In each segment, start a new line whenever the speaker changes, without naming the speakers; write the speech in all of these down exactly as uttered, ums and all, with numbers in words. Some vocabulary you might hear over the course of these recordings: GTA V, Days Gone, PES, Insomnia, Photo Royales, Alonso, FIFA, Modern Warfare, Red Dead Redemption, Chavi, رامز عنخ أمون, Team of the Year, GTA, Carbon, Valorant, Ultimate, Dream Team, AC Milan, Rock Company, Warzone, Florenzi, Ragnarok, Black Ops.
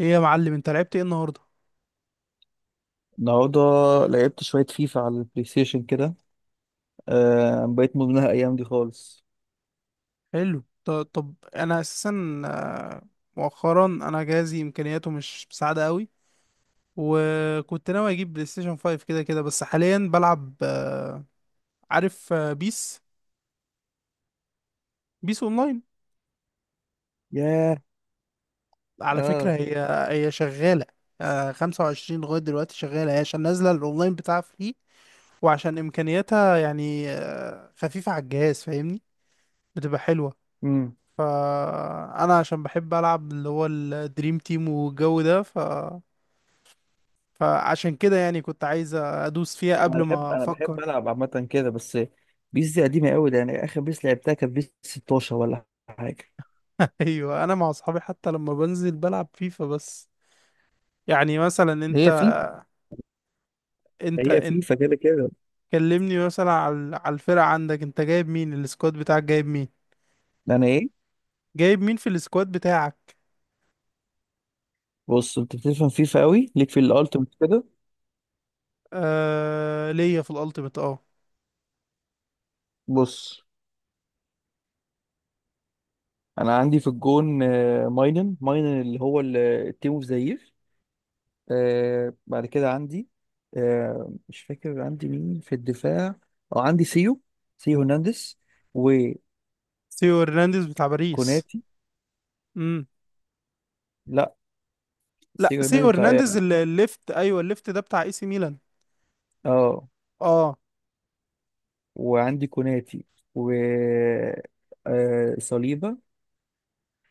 ايه يا معلم، انت لعبت ايه النهارده؟
النهارده لعبت شوية فيفا على البلاي ستيشن كده. آه بقيت مدمنها الأيام دي خالص.
حلو. ط- طب انا اساسا آه، مؤخرا انا جهازي امكانياته مش مساعده قوي، وكنت ناوي اجيب بلاي ستيشن خمسة كده كده. بس حاليا بلعب آه، عارف، آه، بيس بيس اونلاين
ياه.
على فكره.
اه.
هي هي شغاله. آه، خمسة وعشرين لغايه دلوقتي شغاله هي، عشان نازله الاونلاين بتاعها فري، وعشان امكانياتها يعني آه، خفيفه على الجهاز، فاهمني؟ بتبقى حلوه.
امم
فانا عشان بحب العب اللي هو الدريم تيم والجو ده، ف فعشان كده يعني كنت عايز ادوس فيها
أنا
قبل
بحب
ما
أنا بحب
افكر.
ألعب عامة كده. بس بيس دي قديمة أوي، ده يعني آخر بيس لعبتها كانت بيس ستاشر ولا حاجة.
ايوه، انا مع اصحابي حتى لما بنزل بلعب فيفا بس. يعني مثلا انت.
هي فيفا
انت
هي
انت
فيفا كده كده.
كلمني مثلا على على الفرقة عندك، انت جايب مين؟ السكواد بتاعك جايب مين
أنا إيه؟
جايب مين في السكواد بتاعك؟
بص، أنت بتفهم فيفا أوي ليك في الألتيميت كده.
آه، ليا في الالتيميت، اه.
بص، أنا عندي في الجون آه، ماينن ماينن اللي هو ال- التيم أوف ذا يير. آه، بعد كده عندي. آه، مش فاكر عندي مين في الدفاع. اه عندي سيو سيو هرنانديز
سيو هرنانديز بتاع باريس؟
وكوناتي.
امم.
لا،
لا،
سيو
سيو
هرنانديز
هرنانديز
بتاع،
ال- الليفت، ايوه الليفت، ده بتاع اي سي ميلان.
اه.
اه.
وعندي كوناتي. و آه صليبة.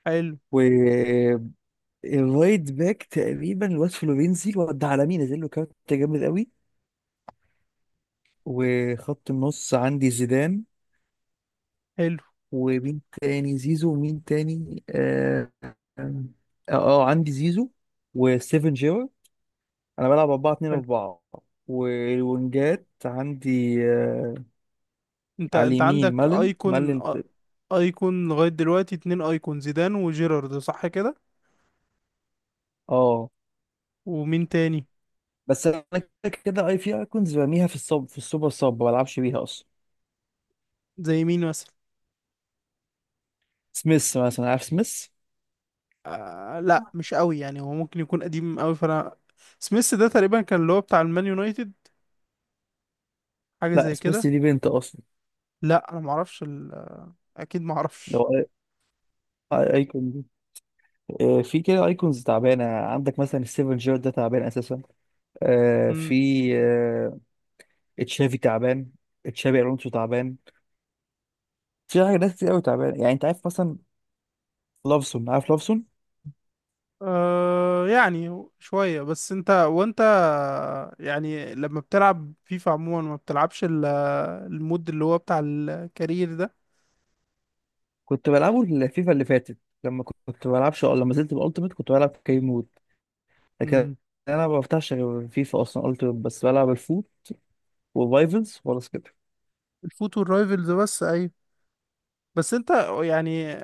حلو،
و آه، الرايت باك تقريبا الواد فلورينزي، الواد ده عالمي، نزل له كارت جامد قوي. وخط النص عندي زيدان.
حلو،
ومين تاني؟ زيزو. ومين تاني؟ اه. اه. آه، عندي زيزو وستيفن جيرو. انا بلعب أربعة اتنين
حلو.
أربعة. والونجات عندي آه
انت
على
انت
اليمين
عندك
مالن
ايكون؟
مالن ت-
ايكون لغاية دلوقتي اتنين، ايكون زيدان وجيرارد، صح كده؟
اه
ومين تاني؟
بس انا كده كده اي في ايكونز برميها في الصب، في السوبر صب، ما بلعبش بيها اصلا.
زي مين مثلا؟
سميث مثلا، عارف سميث؟
آه لا، مش قوي يعني، هو ممكن يكون قديم قوي. فانا سميث ده تقريبا كان اللي هو بتاع المان يونايتد، حاجة
لا،
زي
سميث
كده.
دي بنت اصلا.
لا، انا معرفش ال... اكيد
لو
معرفش.
أي- أي- ايكون دي. آه، في كده ايكونز تعبانه عندك، مثلا السيفن جيرو ده تعبان اساسا. آه،
امم.
في. آه، تشافي تعبان. تشافي الونسو تعبان. في حاجه، ناس كتير قوي تعبان، يعني انت عارف مثلا لافسون، عارف لافسون؟
آه يعني شوية. بس انت، وانت يعني لما بتلعب فيفا عموما ما بتلعبش ال- المود اللي هو بتاع الكارير ده؟
كنت بلعبه الفيفا اللي فاتت. لما كنت بلعبش أو لما زلت بالالتيميت كنت بلعب كيم مود. لكن
امم.
انا ما بفتحش غير فيفا اصلا. التيميت بس بلعب الفول وفايفلز خلاص كده.
الفوتو الرايفلز بس، ايوه. بس انت يعني،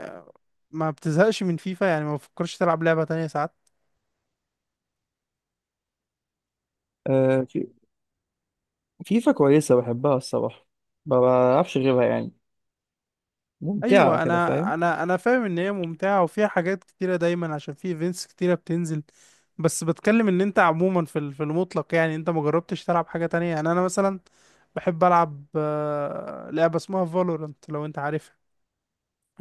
ما بتزهقش من فيفا؟ يعني ما بتفكرش تلعب لعبة تانية ساعات؟
آه في- فيفا كويسه، بحبها الصراحه. ما بلعبش غيرها يعني. ممتعه
ايوه،
كده،
انا
فاهم.
انا انا فاهم ان هي ممتعة وفيها حاجات كتيرة دايما، عشان في ايفنتس كتيرة بتنزل. بس بتكلم ان انت عموما في ال- في المطلق يعني انت ما جربتش تلعب حاجة تانية. يعني انا مثلا بحب العب آه، لعبة اسمها فالورانت، لو انت عارفها.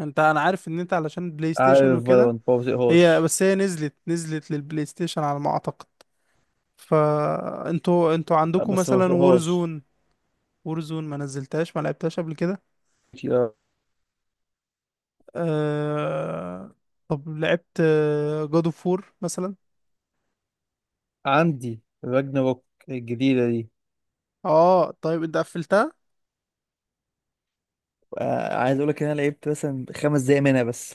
انت، انا عارف ان انت علشان بلاي ستيشن
عارف
وكده.
فالورانت، ما
هي
بطيقهاش.
بس هي نزلت نزلت للبلاي ستيشن على ما اعتقد. فانتوا انتوا عندكم
بس ما
مثلا
بطيقهاش.
وورزون. وورزون ما نزلتهاش، ما لعبتهاش قبل كده. أه... طب لعبت جود اوف وور مثلا؟
عندي راجناروك الجديده دي.
اه، طيب انت قفلتها؟
آه، عايز اقول لك ان انا لعبت مثلا خمس دقايق منها بس.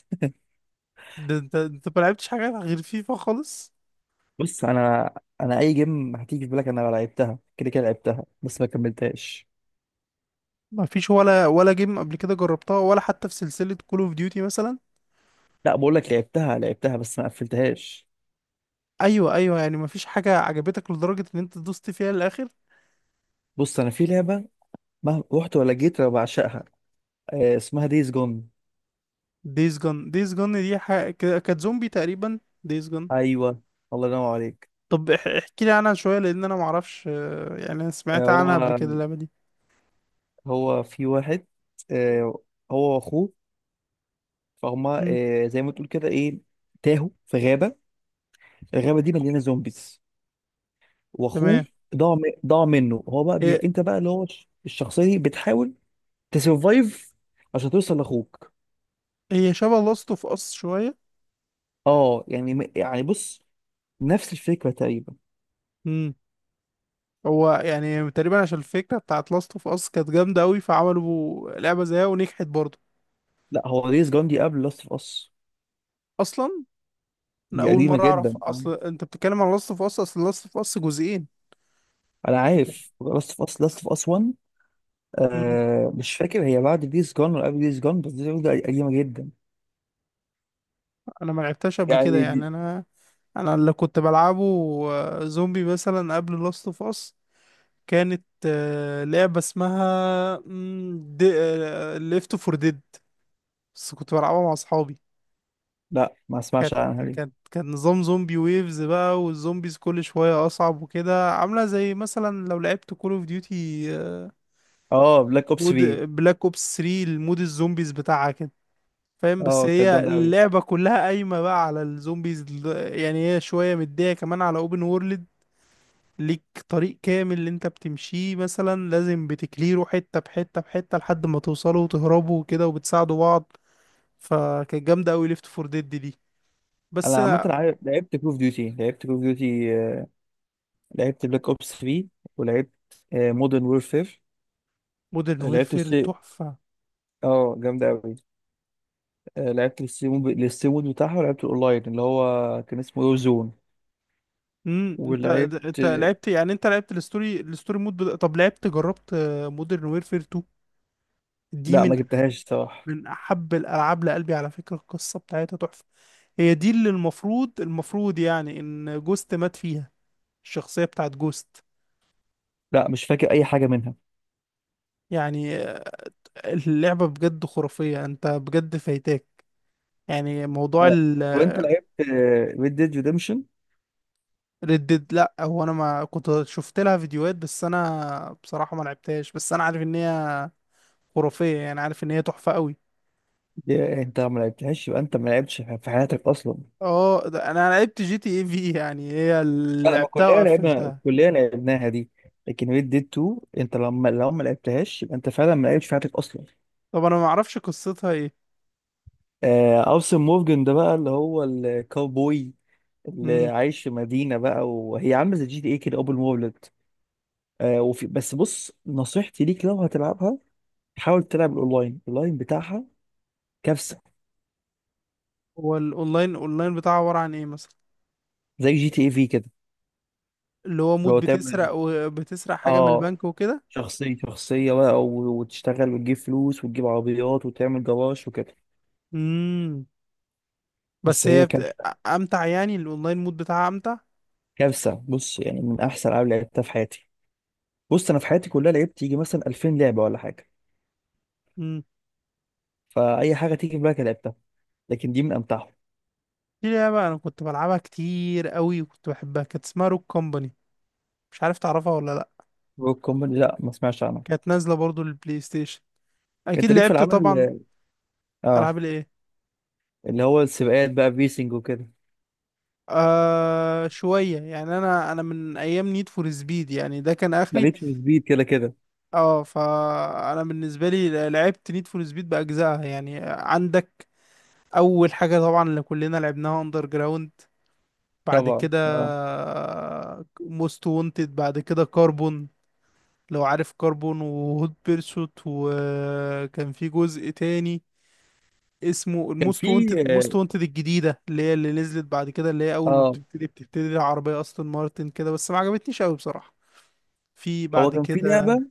ده انت، انت ما لعبتش حاجه غير فيفا خالص.
بص انا. انا اي جيم هتيجي في بالك انا لعبتها كده كده، لعبتها بس ما كملتهاش.
ما فيش ولا ولا جيم قبل كده جربتها، ولا حتى في سلسله كول اوف ديوتي مثلا؟
لا بقول لك لعبتها، لعبتها بس ما قفلتهاش.
ايوه، ايوه، يعني ما فيش حاجه عجبتك لدرجه ان انت دوست فيها للاخر.
بص انا في لعبه ما رحت ولا جيت انا بعشقها. آه، اسمها دايز جون.
دايز جون؟ دايز جون دي حاجه ك- كانت زومبي تقريبا، دايز جون.
ايوه. الله ينور عليك.
طب اح- احكي لي عنها شويه، لان انا ما اعرفش، آه، يعني انا
آه،
سمعت
هو
عنها قبل كده اللعبه دي.
هو في واحد. آه، هو واخوه، فهما
مم.
آه، زي ما تقول كده، ايه، تاهوا في غابه. الغابه دي مليانه زومبيز. واخوه
تمام.
ضاع م- ضاع منه. هو بقى بي...
إيه.
انت بقى اللي هو الش- الشخصيه دي بتحاول تسرفايف عشان توصل لاخوك.
هي شبه لاست اوف اس شويه؟
اه يعني م- يعني بص، نفس الفكره تقريبا.
امم. هو يعني تقريبا عشان الفكره بتاعت لاست اوف اس كانت جامده قوي، فعملوا لعبه زيها ونجحت برضه.
لا هو، ديز جون دي قبل لاست اوف اس.
اصلا؟ انا
دي
اول
قديمه
مره اعرف،
جدا.
اصل انت بتتكلم عن لاست اوف اس. اصل لاست اوف اس جزئين.
انا عارف لاست اوف اس، لاست اوف اس ون.
امم.
آه، مش فاكر هي بعد ديز جون ولا قبل ديز جون، بس ديز جون دي قديمه جدا.
انا ما لعبتهاش قبل كده
يعني
يعني.
دي.
انا انا اللي كنت بلعبه آه، زومبي مثلا قبل لاست اوف اس كانت آه، لعبه اسمها ليفت فور ديد، بس كنت بلعبها مع اصحابي.
لا، ما
كانت
اسمعش عنها دي.
كانت كان نظام زومبي ويفز بقى، والزومبيز كل شوية أصعب وكده، عاملة زي مثلا لو لعبت كول اوف ديوتي
اه، بلاك اوبس
مود،
في.
بلاك اوبس ثلاثة، المود الزومبيز بتاعها كده، فاهم؟ بس
اه، كانت
هي
جامده قوي.
اللعبة كلها قايمة بقى على الزومبيز ال- يعني هي شوية مدية كمان على اوبن وورلد. ليك طريق كامل اللي انت بتمشيه مثلا، لازم بتكليره حتة بحتة بحتة لحد ما توصلوا وتهربوا وكده، وبتساعدوا بعض. فكانت جامدة أوي ليفت فور ديد دي. بس
انا عامه
أنا،
عارف- لعبت كول اوف ديوتي لعبت كول اوف ديوتي لعبت بلاك اوبس تري. ولعبت مودرن وورفير.
مودرن
لعبت
ويرفير
السي.
تحفة.
اه، جامدة أوي. آه، لعبت السي مود، السي مود بتاعها. ولعبت الأونلاين اللي هو كان اسمه وور زون.
امم. انت
ولعبت.
انت لعبت، يعني انت لعبت الستوري، الستوري مود بدا... طب لعبت، جربت مودرن ويرفير اتنين؟ دي
لا
من
ما جبتهاش الصراحة.
من احب الالعاب لقلبي. على فكره القصه بتاعتها تحفه. هي دي اللي المفروض المفروض يعني ان جوست مات فيها، الشخصيه بتاعت جوست.
لا مش فاكر أي حاجة منها.
يعني آه، اللعبه بجد خرافيه، انت بجد فايتاك، يعني موضوع.
آه، وأنت لعبت ريد ديد ريدمشن؟
الريدد لا، هو انا ما كنت شفت لها فيديوهات، بس انا بصراحه ما لعبتهاش. بس انا عارف ان هي خرافيه، يعني عارف ان هي تحفه قوي.
أنت ما لعبتهاش؟ يبقى أنت ما لعبتش في حياتك أصلا.
اه، ده انا لعبت جي تي اي في، يعني هي اللي
لا، ما
لعبتها
كلنا لعبنا
وقفلتها.
الكلية لعبناها دي. لكن ريد ديد تو، أنت لما لو ما لعبتهاش يبقى أنت فعلا ما لعبتش في حياتك أصلا.
طب انا ما اعرفش قصتها ايه.
آه، أوسن مورجن ده بقى اللي هو الكاوبوي، اللي
امم.
عايش في مدينة بقى وهي عاملة زي جي تي ايه كده، أول مولد. آه وفي، بس بص نصيحتي ليك لو هتلعبها، حاول تلعب الأونلاين. الأونلاين بتاعها كارثة.
هو الاونلاين، الاونلاين بتاعها عبارة عن ايه مثلا؟
زي جي تي ايه في كده.
اللي هو
اللي
مود
هو
بتسرق،
تعمل،
وبتسرق حاجة من
اه،
البنك وكده؟
شخصية، شخصية بقى، و- وتشتغل وتجيب فلوس وتجيب عربيات وتعمل جراج وكده.
امم.
بس
بس
هي
هي
كانت
بت... امتع يعني الاونلاين مود بتاعها امتع؟
كارثة. بص يعني، من أحسن ألعاب لعبتها في حياتي. بص، أنا في حياتي كلها لعبت يجي مثلا ألفين لعبة ولا حاجة.
امم.
فاي حاجه تيجي في بالك لعبتها. لكن دي من امتعهم.
في لعبة انا كنت بلعبها كتير قوي وكنت بحبها، كانت اسمها روك كومباني، مش عارف تعرفها ولا لا.
روك كومباني، لا ما سمعتش عنها.
كانت نازلة برضو للبلاي ستيشن، اكيد
انت ليك في
لعبت
العاب
طبعا.
ال- اه،
العاب الايه؟
اللي هو السباقات بقى، فيسنج وكده.
آه شوية، يعني أنا أنا من أيام نيد فور سبيد، يعني ده كان آخري.
ماليش في السبيد كده كده.
أه، فأنا بالنسبة لي لعبت نيد فور سبيد بأجزائها، يعني عندك أول حاجة طبعا اللي كلنا لعبناها أندر جراوند، بعد
طبعا
كده
اه.
موست وونتد، بعد كده كاربون، لو عارف كاربون وهوت بيرسوت. وكان في جزء تاني اسمه
كان في،
الموست وونتد، موست وونتد الجديده اللي هي اللي نزلت بعد كده، اللي هي
اه،
اول ما
آه.
بتبتدي بتبتدي العربيه اصلا مارتن كده، بس ما عجبتنيش قوي بصراحه. في
هو
بعد
كان في
كده،
لعبه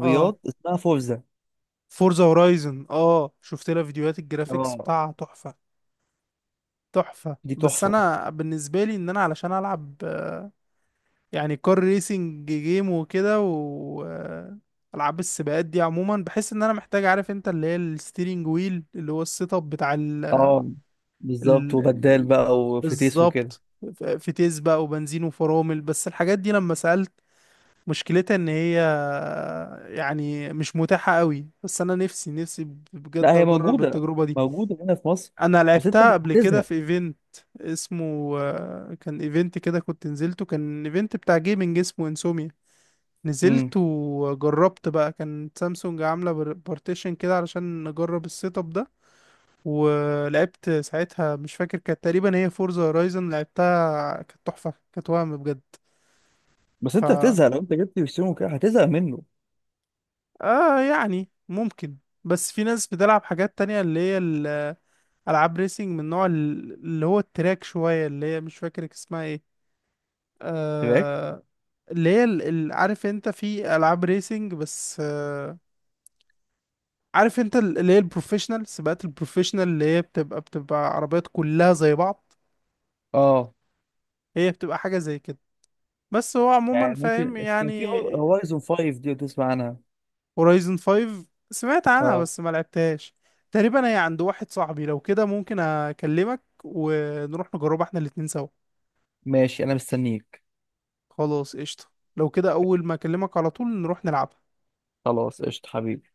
اه،
اسمها فورزا.
فورزا هورايزن. اه، شفت لها فيديوهات، الجرافيكس
اه،
بتاعها تحفة، تحفة.
دي
بس
تحفه.
انا بالنسبة لي، ان انا علشان العب آه، يعني كار ريسنج جيم وكده، و آه، العاب السباقات دي عموما، بحس ان انا محتاج، عارف انت، اللي هي الستيرنج ويل، اللي هو السيت اب بتاع ال... ال...
اه بالظبط،
ال-
وبدال
ال-
بقى وفتيس وكده.
بالظبط، ف- فتيس بقى وبنزين وفرامل. بس الحاجات دي لما سألت، مشكلتها ان هي يعني مش متاحة قوي. بس انا نفسي، نفسي
لا
بجد
هي
اجرب
موجوده
التجربة دي.
موجوده هنا في مصر.
انا
بس انت
لعبتها قبل كده
هتزهق.
في ايفنت اسمه، آه، كان ايفنت كده كنت نزلته، كان ايفنت بتاع جيمنج اسمه انسوميا.
امم.
نزلت وجربت بقى، كان سامسونج عاملة بارتيشن كده علشان نجرب السيت اب ده. ولعبت ساعتها، مش فاكر، كانت تقريبا هي فورزا هورايزن لعبتها، كانت تحفة، كانت وهم بجد.
بس
ف،
انت هتزهق، لو انت جبت بيستون وكده هتزهق منه.
اه، يعني ممكن. بس في ناس بتلعب حاجات تانية اللي هي ال- ألعاب ريسنج من نوع ال- اللي هو التراك شوية، اللي هي مش فاكر اسمها ايه.
سباق.
آه، اللي هي ال- ال- عارف انت في ألعاب ريسنج، بس آه، عارف انت ال- اللي هي البروفيشنال، سباقات البروفيشنال، اللي هي بتبقى بتبقى عربيات كلها زي بعض.
اه
هي بتبقى حاجة زي كده، بس هو
يعني
عموما
ممكن.
فاهم
كان
يعني.
في هورايزون فايف دي، لو تسمع عنها.
هورايزن خمسة، سمعت عنها
اه
بس ما لعبتهاش. تقريبا هي عند واحد صاحبي، لو كده ممكن اكلمك ونروح نجربها احنا الاتنين سوا.
ماشي، انا مستنيك.
خلاص، قشطة. لو كده اول ما اكلمك على طول نروح نلعب.
خلاص قشطة حبيبي.